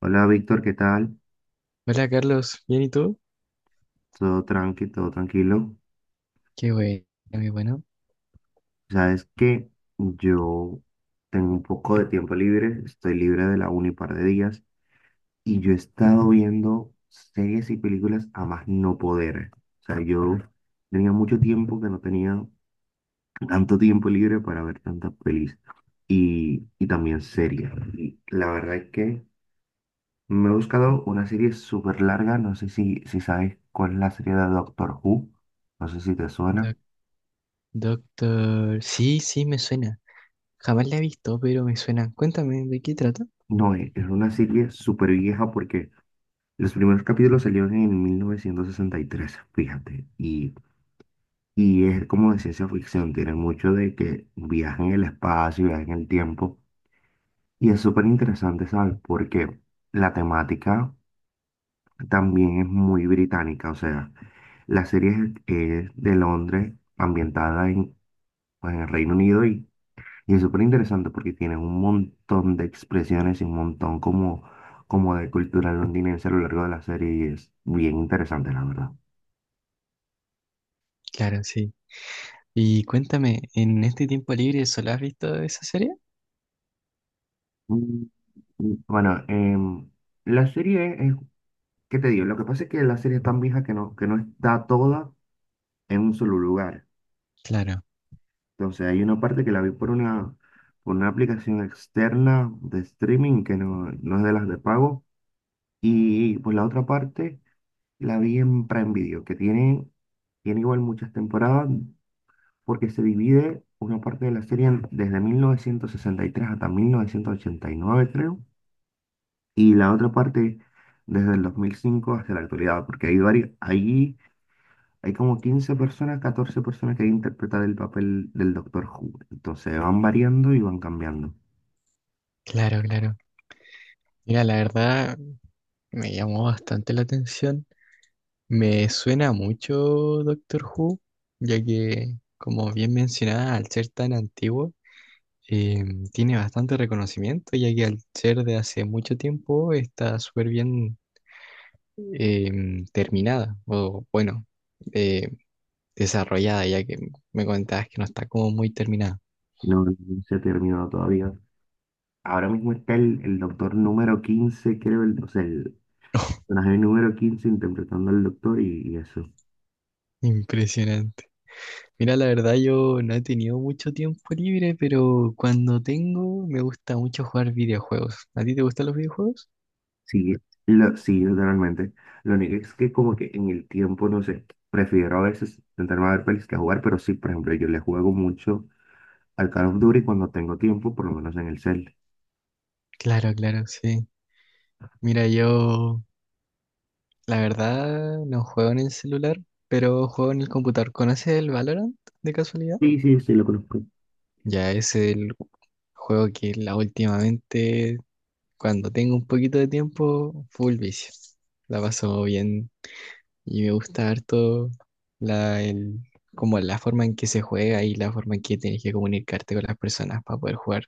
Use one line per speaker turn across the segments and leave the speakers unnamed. Hola Víctor, ¿qué tal?
Hola Carlos, ¿bien y tú?
Todo tranqui, todo tranquilo.
Qué bueno, qué bueno.
Sabes que yo tengo un poco de tiempo libre, estoy libre de la uni un par de días y yo he estado viendo series y películas a más no poder. O sea, yo tenía mucho tiempo que no tenía tanto tiempo libre para ver tantas pelis y también series. Y la verdad es que me he buscado una serie súper larga, no sé si sabes cuál es la serie de Doctor Who, no sé si te suena.
Doc- doctor, sí, sí, me suena. Jamás la he visto, pero me suena. Cuéntame, ¿de qué trata?
No, es una serie súper vieja porque los primeros capítulos salieron en 1963, fíjate, y es como de ciencia ficción, tiene mucho de que viajan en el espacio, viajan en el tiempo, y es súper interesante, ¿sabes? Porque la temática también es muy británica, o sea, la serie es, es de Londres, ambientada en, pues, en el Reino Unido. Y es súper interesante porque tienen un montón de expresiones y un montón como de cultura londinense a lo largo de la serie y es bien interesante, la verdad.
Claro, sí. Y cuéntame, ¿en este tiempo libre solo has visto esa serie?
Mm, Bueno, la serie es, ¿qué te digo? Lo que pasa es que la serie es tan vieja que que no está toda en un solo lugar.
Claro,
Entonces hay una parte que la vi por por una aplicación externa de streaming que no es de las de pago y pues la otra parte... La vi en Prime Video, que tiene igual muchas temporadas, porque se divide una parte de la serie desde 1963 hasta 1989 creo, y la otra parte desde el 2005 hasta la actualidad, porque hay varios, ahí hay como 15 personas, 14 personas que interpretan el papel del Doctor Who. Entonces van variando y van cambiando.
claro, claro. Mira, la verdad me llamó bastante la atención. Me suena mucho Doctor Who, ya que, como bien mencionaba, al ser tan antiguo, eh, tiene bastante reconocimiento, ya que al ser de hace mucho tiempo está súper bien terminada, o bueno, eh, desarrollada, ya que me comentabas que no está como muy terminada.
No, no se ha terminado todavía. Ahora mismo está el doctor número 15 creo, el, o sea, el, personaje número 15 interpretando al doctor y eso.
Impresionante. Mira, la verdad yo no he tenido mucho tiempo libre, pero cuando tengo me gusta mucho jugar videojuegos. ¿A ti te gustan los videojuegos?
Sí, sí, literalmente. Lo único es que como que en el tiempo, no sé, prefiero a veces sentarme a ver pelis que a jugar, pero sí, por ejemplo, yo le juego mucho al Call of Duty cuando tengo tiempo, por lo menos en el cel.
Claro, claro, sí. Mira, yo la verdad no juego en el celular, pero juego en el computador. ¿Conoces el Valorant de casualidad?
Sí, sí, sí, lo conozco.
Ya ese es el juego que la últimamente, cuando tengo un poquito de tiempo, full vicio. La paso bien y me gusta harto la, el, como la forma en que se juega y la forma en que tienes que comunicarte con las personas para poder jugar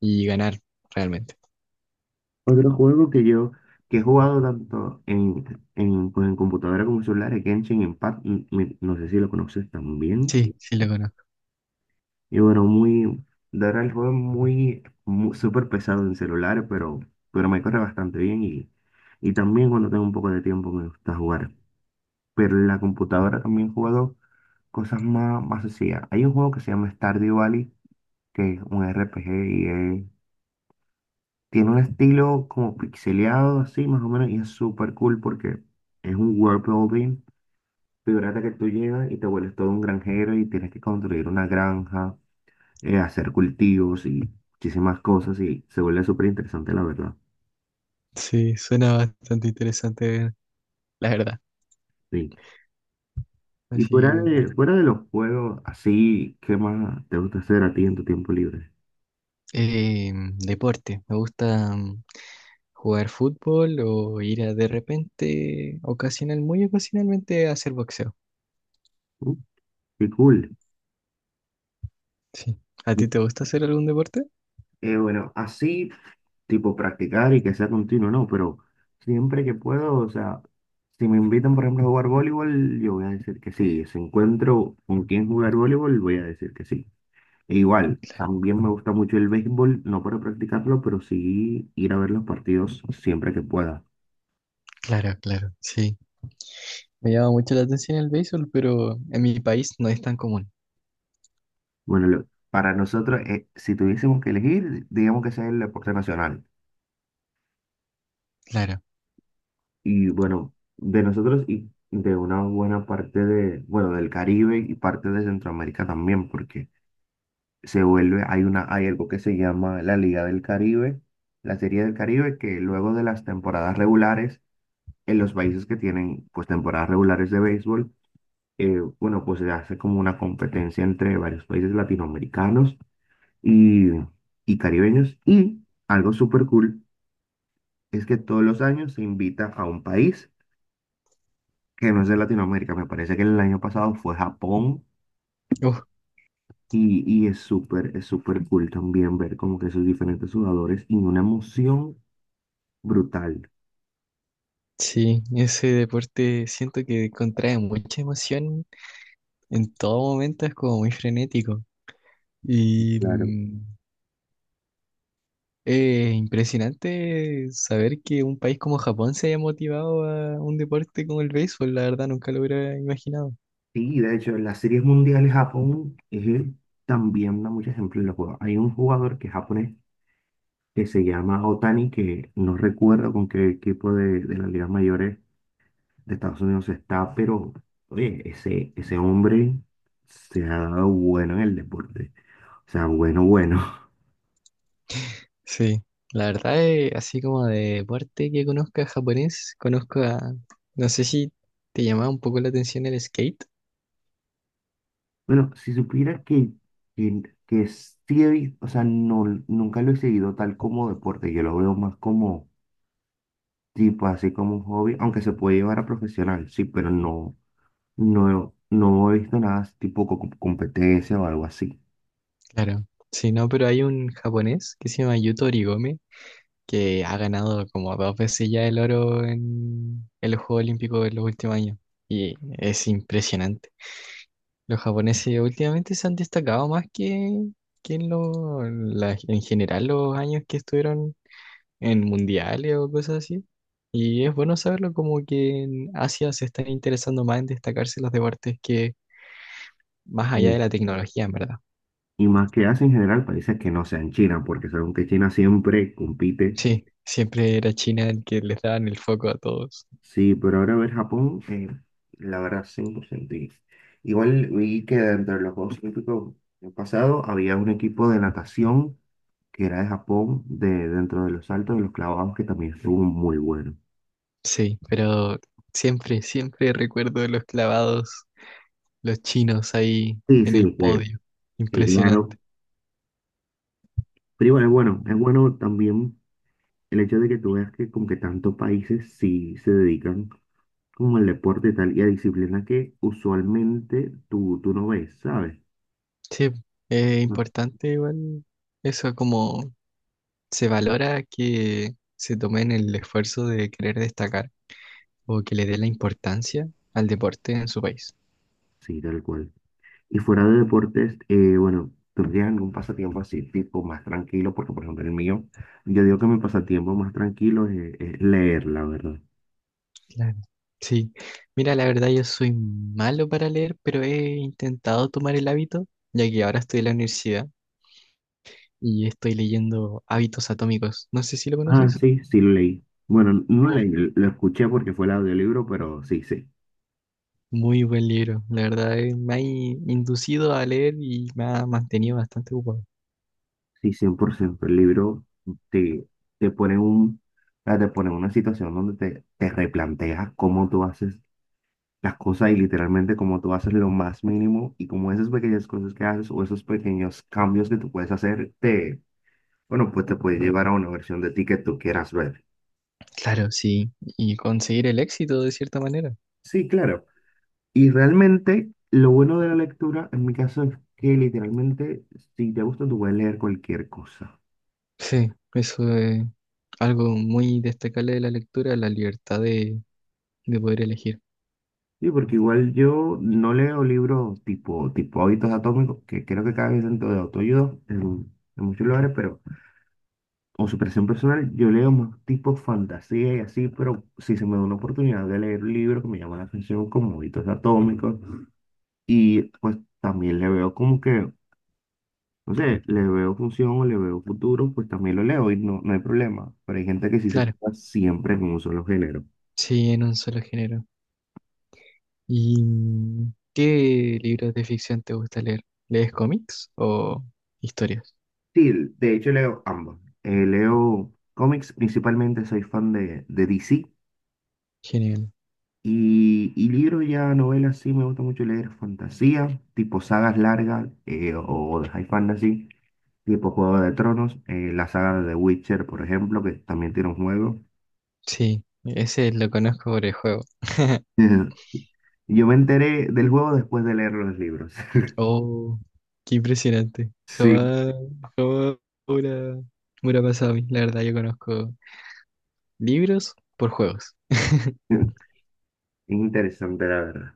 y ganar realmente.
Otro juego que yo, que he jugado tanto pues, en computadora como en celular, es Genshin Impact, y no sé si lo conoces también.
Sí, sí lo conozco.
Y bueno, muy, de verdad el juego es muy, súper pesado en celular, pero me corre bastante bien y también cuando tengo un poco de tiempo me gusta jugar. Pero en la computadora también he jugado cosas más, más sencillas. Hay un juego que se llama Stardew Valley, que es un RPG y tiene un estilo como pixeleado así más o menos y es súper cool porque es un world building. Figúrate que tú llegas y te vuelves todo un granjero y tienes que construir una granja hacer cultivos y muchísimas cosas y se vuelve súper interesante, la verdad.
Sí, suena bastante interesante, la verdad.
Sí. Y
Así
fuera
que nada.
fuera de los juegos, así, ¿qué más te gusta hacer a ti en tu tiempo libre?
Deporte, me gusta. Jugar fútbol o ir a de repente, ocasional, muy ocasionalmente, a hacer boxeo.
Uh, qué cool.
Sí. ¿A ti te gusta hacer algún deporte?
Bueno, así, tipo practicar y que sea continuo, no, pero siempre que puedo, o sea, si me invitan, por ejemplo, a jugar voleibol, yo voy a decir que sí. Si encuentro con quién jugar voleibol, voy a decir que sí. E igual, también me gusta mucho el béisbol, no para practicarlo, pero sí ir a ver los partidos siempre que pueda.
Claro, claro, sí. Me llama mucho la atención el béisbol, pero en mi país no es tan común.
Bueno, para nosotros, si tuviésemos que elegir, digamos que sea el deporte nacional.
Claro.
Y bueno, de nosotros y de una buena parte de, bueno, del Caribe y parte de Centroamérica también, porque se vuelve, hay una, hay algo que se llama la Liga del Caribe, la Serie del Caribe, que luego de las temporadas regulares, en los países que tienen pues temporadas regulares de béisbol, bueno, pues se hace como una competencia entre varios países latinoamericanos y, y caribeños. Y algo súper cool es que todos los años se invita a un país que no es de Latinoamérica. Me parece que el año pasado fue Japón
Uf,
y es súper cool también ver como que sus diferentes jugadores y una emoción brutal.
sí, ese deporte siento que contrae mucha emoción en todo momento, es como muy frenético. Y
Claro.
es impresionante saber que un país como Japón se haya motivado a un deporte como el béisbol, la verdad nunca lo hubiera imaginado.
Sí, de hecho, en las series mundiales Japón también da muchos ejemplos en los juegos. Hay un jugador que es japonés que se llama Otani, que no recuerdo con qué equipo de las ligas mayores de Estados Unidos está, pero oye, ese hombre se ha dado bueno en el deporte. O sea, bueno, bueno.
Sí, la verdad es así como de parte que conozca japonés, conozco a, no sé si te llamaba un poco la atención el skate.
Bueno, si supiera que sí he visto, o sea, no, nunca lo he seguido tal como deporte, yo lo veo más como tipo, así como un hobby, aunque se puede llevar a profesional, sí, pero no, no he visto nada así tipo competencia o algo así.
Claro. Sí, no, pero hay un japonés que se llama Yuto Origome que ha ganado como 2 veces ya el oro en el Juego Olímpico en los últimos años y es impresionante. Los japoneses últimamente se han destacado más que en, lo- en la- en general los años que estuvieron en mundiales o cosas así. Y es bueno saberlo como que en Asia se están interesando más en destacarse los deportes que más allá de la tecnología, en verdad.
Y más que Asia en general, países que no sean China, porque según que China siempre compite.
Sí, siempre era China el que les daban el foco a todos.
Sí, pero ahora ver Japón, la verdad, 100%. Y igual vi que dentro de los Juegos Olímpicos del pasado había un equipo de natación que era de Japón, de, dentro de los saltos y los clavados, que también estuvo muy bueno.
Sí, pero siempre, siempre recuerdo los clavados, los chinos ahí
Sí,
en el podio.
que claro.
Impresionante.
Pero igual es bueno también el hecho de que tú veas que como que tantos países sí se dedican como el deporte y tal, y a disciplinas que usualmente tú no ves, ¿sabes?
Sí, es
Ah,
importante igual eso como se valora que se tomen el esfuerzo de querer destacar o que le dé la importancia al deporte en su país.
sí, tal cual. Y fuera de deportes, bueno, ¿tú tienes algún pasatiempo así, tipo más tranquilo? Porque, por ejemplo, el mío, yo digo que mi pasatiempo más tranquilo es leer, la verdad.
Claro. Sí, mira, la verdad yo soy malo para leer, pero he intentado tomar el hábito, ya que ahora estoy en la universidad y estoy leyendo Hábitos Atómicos. No sé si lo
Ah,
conoces.
sí, sí lo leí. Bueno, no
Oh.
leí, lo escuché porque fue el audiolibro, pero sí, sí.
Muy buen libro, la verdad me ha inducido a leer y me ha mantenido bastante ocupado.
Sí, cien por ciento. El libro te, te pone o sea, te pone en una situación donde te replanteas cómo tú haces las cosas y literalmente como tú haces lo más mínimo y como esas pequeñas cosas que haces o esos pequeños cambios que tú puedes hacer, te, bueno, pues te puede llevar a una versión de ti que tú quieras ver.
Claro, sí, y conseguir el éxito de cierta manera.
Sí, claro. Y realmente lo bueno de la lectura, en mi caso, es que literalmente si te gusta, tú puedes leer cualquier cosa.
Sí, eso es algo muy destacable de la lectura, la libertad de poder elegir.
Sí, porque igual yo no leo libros tipo Hábitos Atómicos, que creo que cada vez dentro de autoayuda en muchos lugares, pero... o superación personal, yo leo más tipo fantasía y así, pero si se me da una oportunidad de leer un libro que me llama la atención como Hábitos Atómicos, y pues también le veo como que, no sé, le veo función o le veo futuro, pues también lo leo y no, no hay problema, pero hay gente que sí se
Claro.
queda siempre en un solo género.
Sí, en un solo género. ¿Y qué libros de ficción te gusta leer? ¿Lees cómics o historias?
Sí, de hecho leo ambos. Leo cómics, principalmente soy fan de DC.
Genial.
Y libros ya, novelas, sí, me gusta mucho leer fantasía, tipo sagas largas o de high fantasy, tipo Juego de Tronos, la saga de The Witcher, por ejemplo, que también tiene un juego.
Sí, ese lo conozco por el juego.
Yo me enteré del juego después de leer los libros.
Oh, qué impresionante.
Sí,
Jamás, jamás me hubiera me hubiera pasado a mí. La verdad, yo conozco libros por juegos.
interesante la verdad.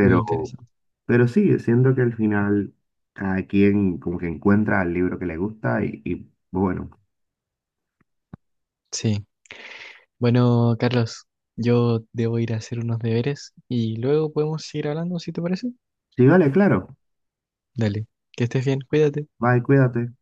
Muy interesante.
pero sí, siento que al final cada quien como que encuentra el libro que le gusta y bueno,
Sí. Bueno, Carlos, yo debo ir a hacer unos deberes y luego podemos seguir hablando, si te parece.
sí, vale, claro.
Dale, que estés bien, cuídate.
Bye, cuídate.